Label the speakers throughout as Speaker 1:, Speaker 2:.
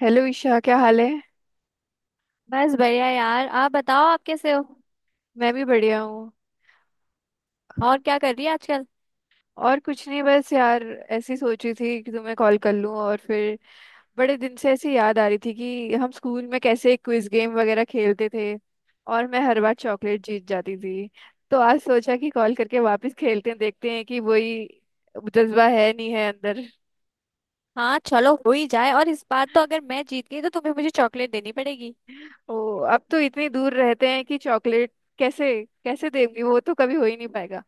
Speaker 1: Hello Isha, क्या हाल है।
Speaker 2: बस बढ़िया यार। आप बताओ, आप कैसे हो।
Speaker 1: मैं भी बढ़िया हूँ।
Speaker 2: और क्या कर रही है आजकल।
Speaker 1: और कुछ नहीं, बस यार ऐसी सोची थी कि तुम्हें कॉल कर लूँ, और फिर बड़े दिन से ऐसी याद आ रही थी कि हम स्कूल में कैसे क्विज गेम वगैरह खेलते थे, और मैं हर बार चॉकलेट जीत जाती थी। तो आज सोचा कि कॉल करके वापस खेलते हैं, देखते हैं कि वही जज्बा है नहीं है अंदर।
Speaker 2: हाँ चलो हो ही जाए। और इस बार तो अगर मैं जीत गई तो तुम्हें मुझे चॉकलेट देनी पड़ेगी।
Speaker 1: ओ, अब तो इतनी दूर रहते हैं कि चॉकलेट कैसे, कैसे देंगी। वो तो कभी हो ही नहीं पाएगा।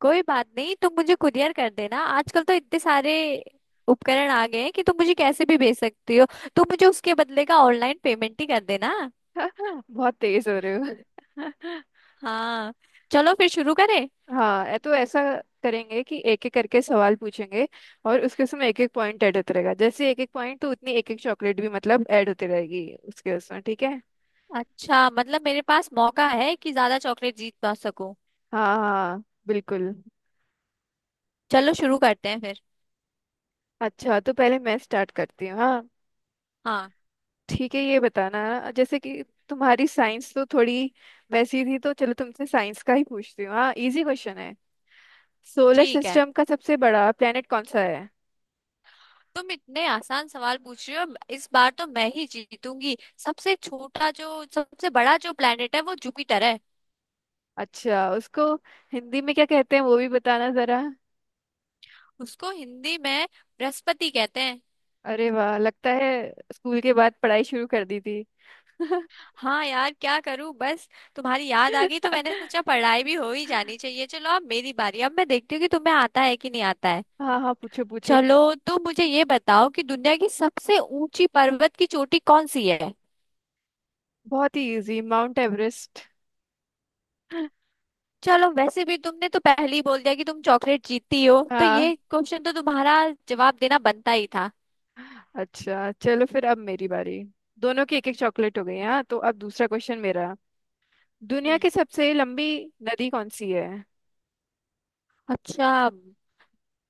Speaker 2: कोई बात नहीं, तुम मुझे कुरियर कर देना। आजकल तो इतने सारे उपकरण आ गए हैं कि तुम मुझे कैसे भी भेज सकती हो। तुम मुझे उसके बदले का ऑनलाइन पेमेंट ही कर देना।
Speaker 1: बहुत तेज हो रहे हो।
Speaker 2: हाँ। चलो फिर शुरू करें।
Speaker 1: हाँ, तो ऐसा करेंगे कि एक एक करके सवाल पूछेंगे, और उसके उसमें एक एक पॉइंट ऐड होता रहेगा। जैसे एक एक पॉइंट तो उतनी एक एक चॉकलेट भी मतलब ऐड होती रहेगी उसके उसमें। ठीक है।
Speaker 2: अच्छा मतलब मेरे पास मौका है कि ज्यादा चॉकलेट जीत पा सकूं।
Speaker 1: हाँ हाँ, बिल्कुल।
Speaker 2: चलो शुरू करते हैं फिर।
Speaker 1: अच्छा, तो पहले मैं स्टार्ट करती हूँ। हाँ।
Speaker 2: हाँ।
Speaker 1: ठीक है, ये बताना, जैसे कि तुम्हारी साइंस तो थोड़ी वैसी थी, तो चलो तुमसे साइंस का ही पूछती हूँ। हाँ, इजी क्वेश्चन है। सोलर
Speaker 2: ठीक है।
Speaker 1: सिस्टम का सबसे बड़ा प्लेनेट कौन सा है।
Speaker 2: तुम इतने आसान सवाल पूछ रही हो, इस बार तो मैं ही जीतूंगी। सबसे छोटा जो सबसे बड़ा जो प्लेनेट है वो जुपिटर है।
Speaker 1: अच्छा, उसको हिंदी में क्या कहते हैं वो भी बताना जरा।
Speaker 2: उसको हिंदी में बृहस्पति कहते हैं।
Speaker 1: अरे वाह, लगता है स्कूल के बाद पढ़ाई शुरू कर दी थी।
Speaker 2: हाँ यार क्या करूं बस, तुम्हारी याद आ गई तो मैंने सोचा पढ़ाई भी हो ही जानी चाहिए। चलो अब मेरी बारी, अब मैं देखती हूँ कि तुम्हें आता है कि नहीं आता है।
Speaker 1: हाँ हाँ, पूछो पूछो।
Speaker 2: चलो, तो मुझे ये बताओ कि दुनिया की सबसे ऊंची पर्वत की चोटी कौन सी है।
Speaker 1: बहुत ही इजी, माउंट एवरेस्ट।
Speaker 2: चलो वैसे भी तुमने तो पहले ही बोल दिया कि तुम चॉकलेट जीतती हो, तो
Speaker 1: हाँ।
Speaker 2: ये क्वेश्चन तो तुम्हारा जवाब देना बनता ही था।
Speaker 1: अच्छा चलो फिर, अब मेरी बारी। दोनों की एक एक चॉकलेट हो गई। हाँ, तो अब दूसरा क्वेश्चन मेरा। दुनिया
Speaker 2: हम्म।
Speaker 1: की सबसे लंबी नदी कौन सी है।
Speaker 2: अच्छा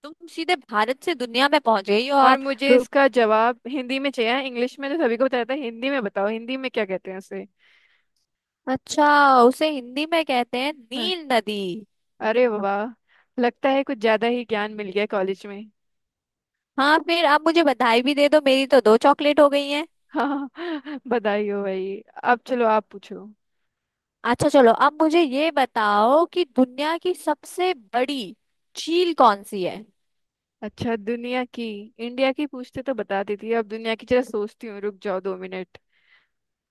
Speaker 2: तुम सीधे भारत से दुनिया में पहुंच गई हो
Speaker 1: और
Speaker 2: आप।
Speaker 1: मुझे
Speaker 2: रुक।
Speaker 1: इसका जवाब हिंदी में चाहिए। हाँ, इंग्लिश में तो सभी को बताया था, हिंदी में बताओ, हिंदी में क्या कहते हैं उसे।
Speaker 2: अच्छा उसे हिंदी में कहते हैं
Speaker 1: हाँ।
Speaker 2: नील नदी।
Speaker 1: अरे वाह, लगता है कुछ ज्यादा ही ज्ञान मिल गया कॉलेज में।
Speaker 2: हाँ फिर आप मुझे बधाई भी दे दो, मेरी तो दो चॉकलेट हो गई हैं।
Speaker 1: हाँ, बधाई हो भाई। अब चलो, आप पूछो।
Speaker 2: अच्छा चलो अब मुझे ये बताओ कि दुनिया की सबसे बड़ी झील कौन सी है।
Speaker 1: अच्छा, दुनिया की? इंडिया की पूछते तो बता देती, अब दुनिया की जरा सोचती हूँ, रुक जाओ 2 मिनट।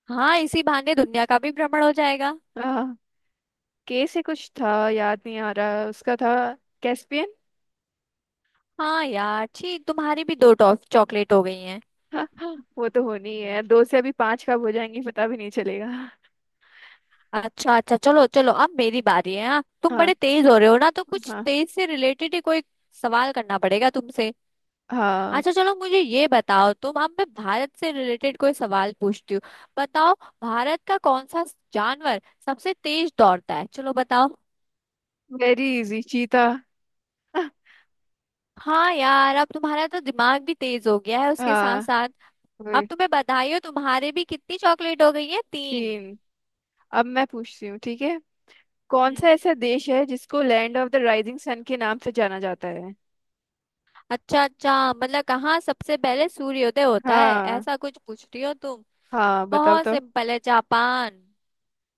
Speaker 2: हाँ इसी बहाने दुनिया का भी भ्रमण हो जाएगा।
Speaker 1: हाँ, के से कुछ था, याद नहीं आ रहा उसका था। कैस्पियन।
Speaker 2: हाँ यार ठीक, तुम्हारी भी दो टॉफ चॉकलेट हो गई हैं।
Speaker 1: हाँ हाँ, वो तो होनी ही है। दो से अभी पांच कब हो जाएंगी पता भी नहीं चलेगा।
Speaker 2: अच्छा अच्छा, चलो चलो अब मेरी बारी है। हाँ तुम
Speaker 1: हाँ।
Speaker 2: बड़े तेज हो रहे हो ना, तो कुछ
Speaker 1: हाँ
Speaker 2: तेज से रिलेटेड ही कोई सवाल करना पड़ेगा तुमसे।
Speaker 1: हाँ।
Speaker 2: अच्छा चलो मुझे ये बताओ तुम, अब मैं भारत से रिलेटेड कोई सवाल पूछती हूँ। बताओ, भारत का कौन सा जानवर सबसे तेज दौड़ता है, चलो बताओ।
Speaker 1: वेरी इजी, चीता।
Speaker 2: हाँ यार अब तुम्हारा तो दिमाग भी तेज हो गया है उसके साथ
Speaker 1: हाँ,
Speaker 2: साथ। अब
Speaker 1: वही।
Speaker 2: तुम्हें बधाई हो, तुम्हारे भी कितनी चॉकलेट हो गई है, तीन।
Speaker 1: तीन। अब मैं पूछती हूँ, ठीक है। कौन सा
Speaker 2: हम्म।
Speaker 1: ऐसा देश है जिसको land of the rising sun के नाम से जाना जाता है।
Speaker 2: अच्छा अच्छा मतलब कहाँ सबसे पहले सूर्योदय होता है
Speaker 1: हाँ,
Speaker 2: ऐसा कुछ पूछ रही हो तुम।
Speaker 1: हाँ बताओ
Speaker 2: बहुत
Speaker 1: तो।
Speaker 2: सिंपल है, जापान।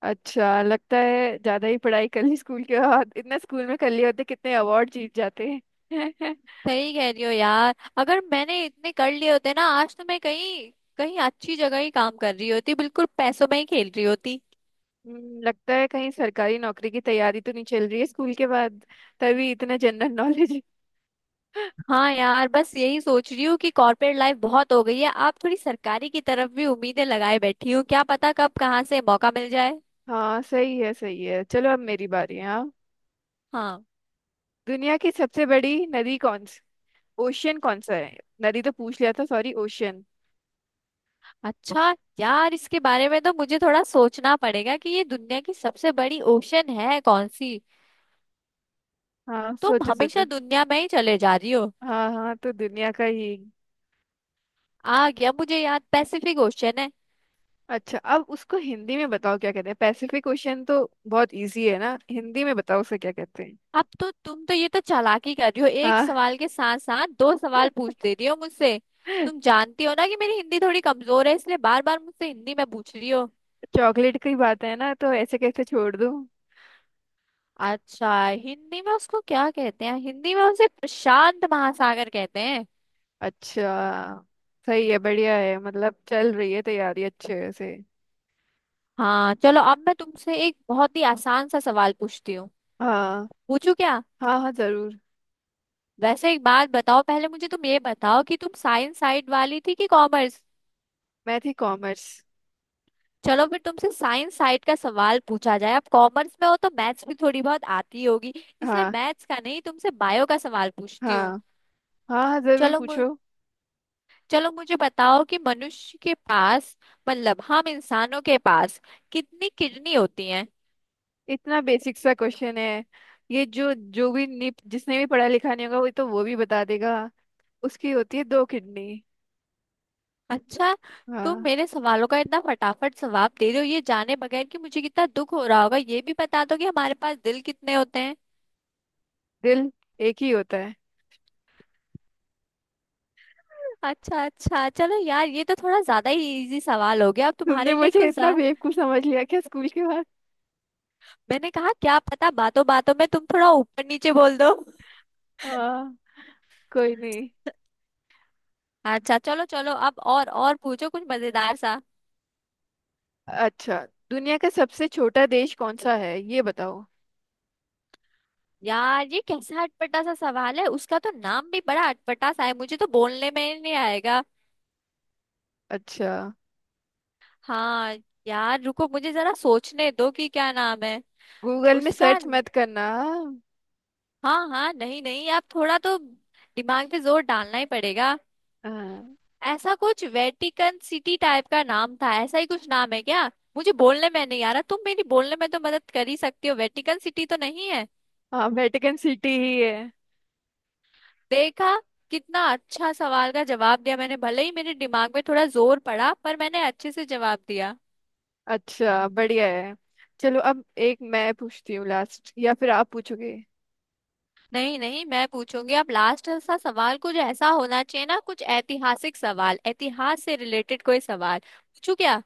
Speaker 1: अच्छा, लगता है ज्यादा ही पढ़ाई कर ली स्कूल के बाद। इतना स्कूल में कर लिए होते, कितने अवार्ड जीत जाते हैं।
Speaker 2: सही कह रही हो यार, अगर मैंने इतने कर लिए होते ना आज तो मैं कहीं कहीं अच्छी जगह ही काम कर रही होती, बिल्कुल पैसों में ही खेल रही होती।
Speaker 1: लगता है कहीं सरकारी नौकरी की तैयारी तो नहीं चल रही है स्कूल के बाद, तभी इतना जनरल नॉलेज।
Speaker 2: हाँ यार बस यही सोच रही हूँ कि कॉर्पोरेट लाइफ बहुत हो गई है, आप थोड़ी सरकारी की तरफ भी उम्मीदें लगाए बैठी हूँ, क्या पता कब कहाँ से मौका मिल जाए।
Speaker 1: हाँ, सही है सही है। चलो अब मेरी बारी है। हाँ।
Speaker 2: हाँ।
Speaker 1: दुनिया की सबसे बड़ी नदी कौन सी, ओशियन कौन सा है। नदी तो पूछ लिया था, सॉरी, ओशियन।
Speaker 2: अच्छा यार इसके बारे में तो मुझे थोड़ा सोचना पड़ेगा कि ये दुनिया की सबसे बड़ी ओशन है कौन सी।
Speaker 1: हाँ,
Speaker 2: तुम
Speaker 1: सोचो
Speaker 2: हमेशा
Speaker 1: सोचो।
Speaker 2: दुनिया में ही चले जा रही हो।
Speaker 1: हाँ हाँ, तो दुनिया का ही।
Speaker 2: आ गया मुझे याद, पैसिफिक ओशन है।
Speaker 1: अच्छा, अब उसको हिंदी में बताओ क्या कहते हैं। पैसिफिक ओशियन तो बहुत इजी है ना, हिंदी में बताओ उसे क्या कहते हैं।
Speaker 2: अब तो तुम तो ये तो चालाकी कर रही हो, एक
Speaker 1: हाँ।
Speaker 2: सवाल के साथ साथ दो सवाल पूछ देती हो मुझसे। तुम जानती हो ना कि मेरी हिंदी थोड़ी कमजोर है इसलिए बार बार मुझसे हिंदी में पूछ रही हो।
Speaker 1: चॉकलेट की बात है ना, तो ऐसे कैसे छोड़ दूँ।
Speaker 2: अच्छा हिंदी में उसको क्या कहते हैं, हिंदी में उसे प्रशांत महासागर कहते हैं।
Speaker 1: अच्छा। सही है, बढ़िया है, मतलब चल रही है तैयारी अच्छे से।
Speaker 2: हाँ चलो अब मैं तुमसे एक बहुत ही आसान सा सवाल पूछती हूँ।
Speaker 1: हाँ।
Speaker 2: पूछू क्या।
Speaker 1: हाँ। हाँ, जरूर।
Speaker 2: वैसे एक बात बताओ, पहले मुझे तुम ये बताओ कि तुम साइंस साइड वाली थी कि कॉमर्स।
Speaker 1: मैं थी कॉमर्स।
Speaker 2: चलो फिर तुमसे साइंस साइड का सवाल पूछा जाए। अब कॉमर्स में हो तो मैथ्स भी थोड़ी बहुत आती होगी, इसलिए
Speaker 1: हाँ।
Speaker 2: मैथ्स का नहीं तुमसे बायो का सवाल
Speaker 1: हाँ।
Speaker 2: पूछती हूँ।
Speaker 1: हाँ हाँ, जरूर
Speaker 2: चलो मु,
Speaker 1: पूछो।
Speaker 2: चलो मुझे बताओ कि मनुष्य के पास, मतलब हम इंसानों के पास, कितनी किडनी होती हैं।
Speaker 1: इतना बेसिक सा क्वेश्चन है। ये जो जो भी जिसने भी पढ़ा लिखा नहीं होगा, वो तो वो भी बता देगा। उसकी होती है दो किडनी।
Speaker 2: अच्छा। तुम
Speaker 1: हाँ।
Speaker 2: मेरे सवालों का इतना फटाफट जवाब दे रहे हो ये जाने बगैर कि मुझे कितना दुख हो रहा होगा। ये भी बता दो कि हमारे पास दिल कितने होते हैं।
Speaker 1: दिल एक ही होता है।
Speaker 2: अच्छा अच्छा चलो यार, ये तो थोड़ा ज्यादा ही इजी सवाल हो गया, अब
Speaker 1: तुमने
Speaker 2: तुम्हारे लिए
Speaker 1: मुझे
Speaker 2: कुछ।
Speaker 1: इतना बेवकूफ समझ लिया क्या स्कूल के बाद।
Speaker 2: मैंने कहा क्या पता बातों बातों में तुम थोड़ा ऊपर नीचे बोल दो।
Speaker 1: हाँ। कोई नहीं।
Speaker 2: अच्छा चलो चलो अब और पूछो कुछ मजेदार सा।
Speaker 1: अच्छा, दुनिया का सबसे छोटा देश कौन सा है ये बताओ।
Speaker 2: यार ये कैसा अटपटा सा सवाल है, उसका तो नाम भी बड़ा अटपटा सा है, मुझे तो बोलने में ही नहीं आएगा।
Speaker 1: अच्छा।
Speaker 2: हाँ। यार रुको मुझे जरा सोचने दो कि क्या नाम है
Speaker 1: गूगल में
Speaker 2: उसका।
Speaker 1: सर्च मत करना।
Speaker 2: हाँ हाँ नहीं नहीं आप थोड़ा तो दिमाग पे जोर डालना ही पड़ेगा।
Speaker 1: हाँ
Speaker 2: ऐसा कुछ वेटिकन सिटी टाइप का नाम था, ऐसा ही कुछ नाम है क्या। मुझे बोलने में नहीं आ रहा, तुम मेरी बोलने में तो मदद कर ही सकती हो, वेटिकन सिटी तो नहीं है।
Speaker 1: हाँ, वेटिकन सिटी ही है।
Speaker 2: देखा, कितना अच्छा सवाल का जवाब दिया मैंने, भले ही मेरे दिमाग में थोड़ा जोर पड़ा पर मैंने अच्छे से जवाब दिया।
Speaker 1: अच्छा, बढ़िया है। चलो अब एक मैं पूछती हूँ लास्ट, या फिर आप पूछोगे।
Speaker 2: नहीं नहीं मैं पूछूंगी, अब लास्ट सा सवाल कुछ ऐसा होना चाहिए ना, कुछ ऐतिहासिक सवाल, इतिहास से रिलेटेड कोई सवाल पूछू क्या।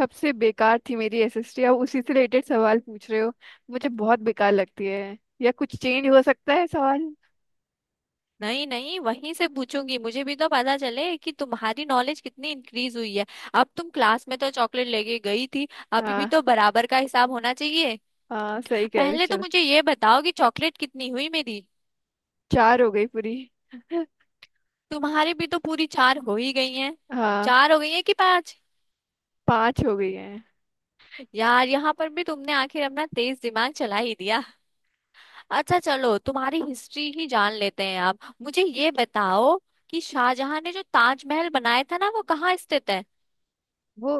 Speaker 1: सबसे बेकार थी मेरी एसएसटी, अब उसी से रिलेटेड सवाल पूछ रहे हो। मुझे बहुत बेकार लगती है। या कुछ चेंज हो सकता है सवाल।
Speaker 2: नहीं नहीं वहीं से पूछूंगी, मुझे भी तो पता चले कि तुम्हारी नॉलेज कितनी इंक्रीज हुई है। अब तुम क्लास में तो चॉकलेट लेके गई थी, अभी भी
Speaker 1: हाँ,
Speaker 2: तो बराबर का हिसाब होना चाहिए।
Speaker 1: हाँ सही कह रहे हो,
Speaker 2: पहले तो
Speaker 1: चलो।
Speaker 2: मुझे ये बताओ कि चॉकलेट कितनी हुई मेरी।
Speaker 1: चार हो गई पूरी।
Speaker 2: तुम्हारी भी तो पूरी चार हो ही गई हैं।
Speaker 1: हाँ।
Speaker 2: चार हो गई है कि पांच।
Speaker 1: पांच हो गई है।
Speaker 2: यार यहाँ पर भी तुमने आखिर अपना तेज दिमाग चला ही दिया। अच्छा चलो तुम्हारी हिस्ट्री ही जान लेते हैं। आप मुझे ये बताओ कि शाहजहां ने जो ताजमहल बनाया था ना वो कहाँ स्थित है।
Speaker 1: वो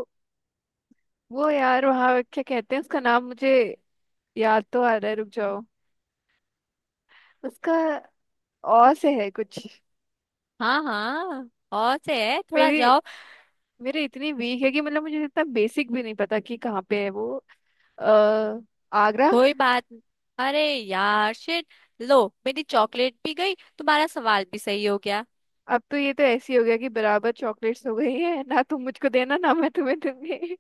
Speaker 1: वो यार, वहाँ क्या कहते हैं उसका नाम, मुझे याद तो आ रहा है, रुक जाओ। उसका और से है कुछ।
Speaker 2: हाँ हाँ और से है, थोड़ा
Speaker 1: मेरी
Speaker 2: जाओ।
Speaker 1: मेरी इतनी वीक है कि मतलब मुझे इतना बेसिक भी नहीं पता कि कहाँ पे है वो। अ, आगरा।
Speaker 2: कोई बात न- अरे यार शिट, लो मेरी चॉकलेट भी गई, तुम्हारा सवाल भी सही हो गया।
Speaker 1: अब तो ये तो ऐसी हो गया कि बराबर चॉकलेट्स हो गई है ना। तुम मुझको देना ना, मैं तुम्हें दूंगी।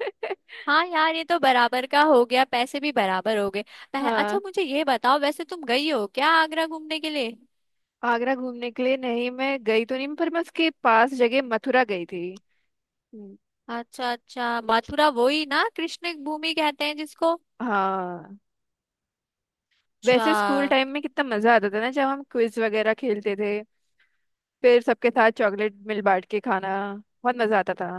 Speaker 2: हाँ यार ये तो बराबर का हो गया, पैसे भी बराबर हो गए। अच्छा
Speaker 1: हाँ।
Speaker 2: मुझे ये बताओ वैसे, तुम गई हो क्या आगरा घूमने के लिए।
Speaker 1: आगरा घूमने के लिए नहीं, मैं गई तो नहीं, पर मैं उसके पास जगह मथुरा गई थी। हम्म।
Speaker 2: अच्छा अच्छा, मथुरा वही ना कृष्ण भूमि कहते हैं जिसको।
Speaker 1: हाँ,
Speaker 2: अच्छा।
Speaker 1: वैसे स्कूल टाइम में कितना मजा आता था ना जब हम क्विज वगैरह खेलते थे। फिर सबके साथ चॉकलेट मिल बांट के खाना, बहुत मजा आता था।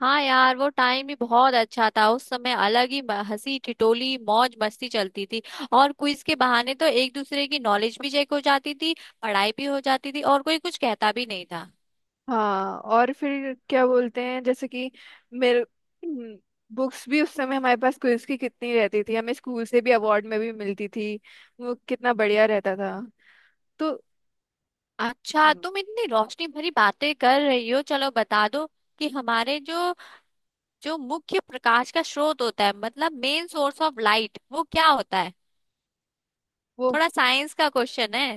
Speaker 2: हाँ यार वो टाइम भी बहुत अच्छा था, उस समय अलग ही हंसी टिटोली मौज मस्ती चलती थी। और क्विज के बहाने तो एक दूसरे की नॉलेज भी चेक हो जाती थी, पढ़ाई भी हो जाती थी और कोई कुछ कहता भी नहीं था।
Speaker 1: हाँ, और फिर क्या बोलते हैं जैसे कि मेरे, बुक्स भी उस समय हमारे पास क्विज की कितनी रहती थी, हमें स्कूल से भी अवार्ड में भी मिलती थी, वो कितना बढ़िया रहता था। तो
Speaker 2: अच्छा
Speaker 1: हम्म,
Speaker 2: तुम इतनी रोशनी भरी बातें कर रही हो, चलो बता दो कि हमारे जो जो मुख्य प्रकाश का स्रोत होता है, मतलब मेन सोर्स ऑफ लाइट, वो क्या होता है।
Speaker 1: वो
Speaker 2: थोड़ा साइंस का क्वेश्चन है।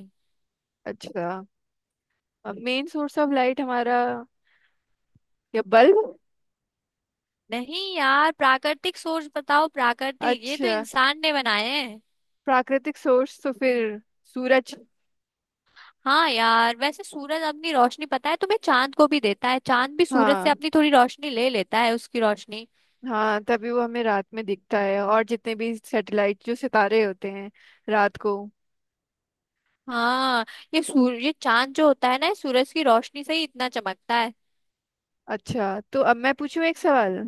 Speaker 1: अच्छा। मेन सोर्स ऑफ लाइट हमारा, या बल्ब।
Speaker 2: नहीं यार प्राकृतिक सोर्स बताओ, प्राकृतिक, ये तो
Speaker 1: अच्छा,
Speaker 2: इंसान ने बनाए हैं।
Speaker 1: प्राकृतिक सोर्स तो फिर सूरज।
Speaker 2: हाँ यार वैसे सूरज अपनी रोशनी पता है तुम्हें चांद को भी देता है, चांद भी सूरज से
Speaker 1: हाँ,
Speaker 2: अपनी थोड़ी रोशनी ले लेता है उसकी रोशनी।
Speaker 1: हाँ तभी वो हमें रात में दिखता है, और जितने भी सैटेलाइट जो सितारे होते हैं रात को।
Speaker 2: हाँ ये चांद जो होता है ना ये सूरज की रोशनी से ही इतना चमकता है।
Speaker 1: अच्छा, तो अब मैं पूछूं एक सवाल।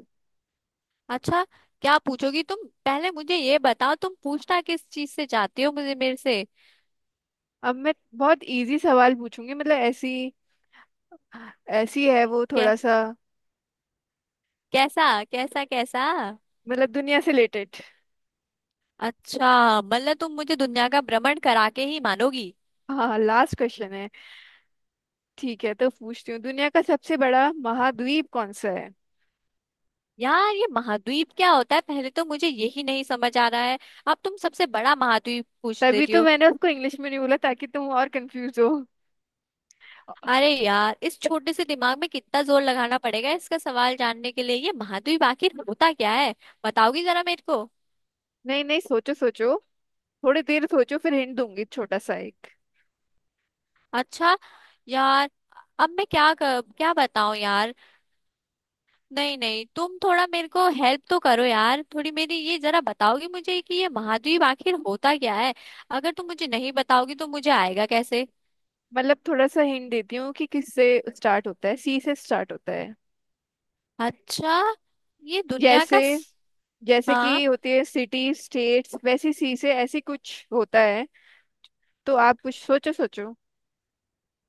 Speaker 2: अच्छा। क्या पूछोगी तुम, पहले मुझे ये बताओ तुम पूछना किस चीज से चाहती हो मुझे, मेरे से।
Speaker 1: अब मैं बहुत इजी सवाल पूछूंगी, मतलब ऐसी ऐसी है वो
Speaker 2: कै,
Speaker 1: थोड़ा सा।
Speaker 2: कैसा कैसा कैसा।
Speaker 1: मतलब दुनिया से रिलेटेड।
Speaker 2: अच्छा मतलब तुम मुझे दुनिया का भ्रमण करा के ही मानोगी।
Speaker 1: हाँ, लास्ट क्वेश्चन है। ठीक है, तो पूछती हूँ, दुनिया का सबसे बड़ा महाद्वीप कौन सा है।
Speaker 2: यार ये महाद्वीप क्या होता है, पहले तो मुझे यही नहीं समझ आ रहा है, अब तुम सबसे बड़ा महाद्वीप पूछ
Speaker 1: तभी
Speaker 2: देती
Speaker 1: तो
Speaker 2: हो।
Speaker 1: मैंने उसको इंग्लिश में नहीं बोला, ताकि तुम और कंफ्यूज हो।
Speaker 2: अरे यार इस छोटे से दिमाग में कितना जोर लगाना पड़ेगा इसका सवाल जानने के लिए, ये महाद्वीप आखिर होता क्या है, बताओगी जरा मेरे को।
Speaker 1: नहीं नहीं, सोचो सोचो, थोड़ी देर सोचो, फिर हिंट दूंगी, छोटा सा एक।
Speaker 2: अच्छा। यार अब मैं क्या कर, क्या बताऊं यार। नहीं नहीं तुम थोड़ा मेरे को हेल्प तो करो यार, थोड़ी मेरी ये जरा बताओगी मुझे कि ये महाद्वीप आखिर होता क्या है, अगर तुम मुझे नहीं बताओगी तो मुझे आएगा कैसे।
Speaker 1: मतलब थोड़ा सा हिंट देती हूँ कि किससे स्टार्ट होता है, सी से स्टार्ट होता है।
Speaker 2: अच्छा। ये दुनिया
Speaker 1: जैसे,
Speaker 2: का स-
Speaker 1: जैसे
Speaker 2: हाँ
Speaker 1: कि होती है सिटी स्टेट्स, वैसी सी से ऐसी कुछ होता है। तो आप कुछ सोचो सोचो।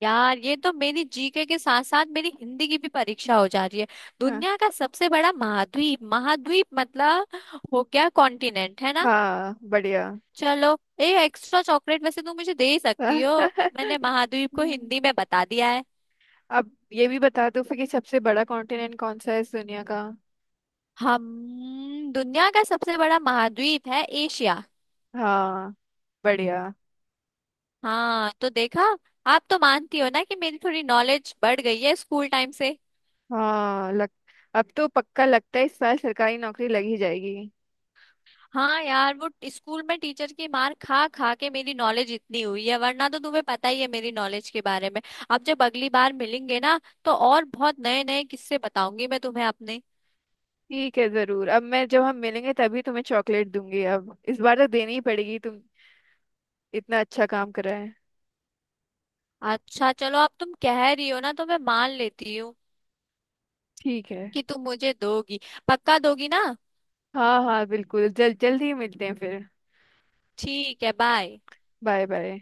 Speaker 2: यार ये तो मेरी जीके के साथ साथ मेरी हिंदी की भी परीक्षा हो जा रही है।
Speaker 1: हाँ,
Speaker 2: दुनिया का सबसे बड़ा महाद्वीप, महाद्वीप मतलब, हो गया, कॉन्टिनेंट है ना।
Speaker 1: हाँ बढ़िया।
Speaker 2: चलो एक एक्स्ट्रा चॉकलेट वैसे तुम मुझे दे ही सकती हो, मैंने महाद्वीप को हिंदी में बता दिया है।
Speaker 1: अब ये भी बता दो फिर कि सबसे बड़ा कॉन्टिनेंट कौन सा है इस दुनिया का।
Speaker 2: हम, दुनिया का सबसे बड़ा महाद्वीप है एशिया।
Speaker 1: हाँ, बढ़िया।
Speaker 2: हाँ तो देखा, आप तो मानती हो ना कि मेरी थोड़ी नॉलेज बढ़ गई है स्कूल टाइम से।
Speaker 1: हाँ, लग अब तो पक्का लगता है इस साल सरकारी नौकरी लग ही जाएगी।
Speaker 2: हाँ यार वो स्कूल में टीचर की मार खा खा के मेरी नॉलेज इतनी हुई है, वरना तो तुम्हें पता ही है मेरी नॉलेज के बारे में। अब जब अगली बार मिलेंगे ना तो और बहुत नए नए किस्से बताऊंगी मैं तुम्हें अपने।
Speaker 1: ठीक है, जरूर। अब मैं जब हम मिलेंगे तभी तुम्हें चॉकलेट दूंगी, अब इस बार तो देनी ही पड़ेगी। तुम इतना अच्छा काम कर रहा है।
Speaker 2: अच्छा चलो अब तुम कह रही हो ना तो मैं मान लेती हूँ
Speaker 1: ठीक है।
Speaker 2: कि तुम मुझे दोगी, पक्का दोगी ना।
Speaker 1: हाँ हाँ बिल्कुल, जल जल्दी ही मिलते हैं फिर।
Speaker 2: ठीक है बाय।
Speaker 1: Bye bye.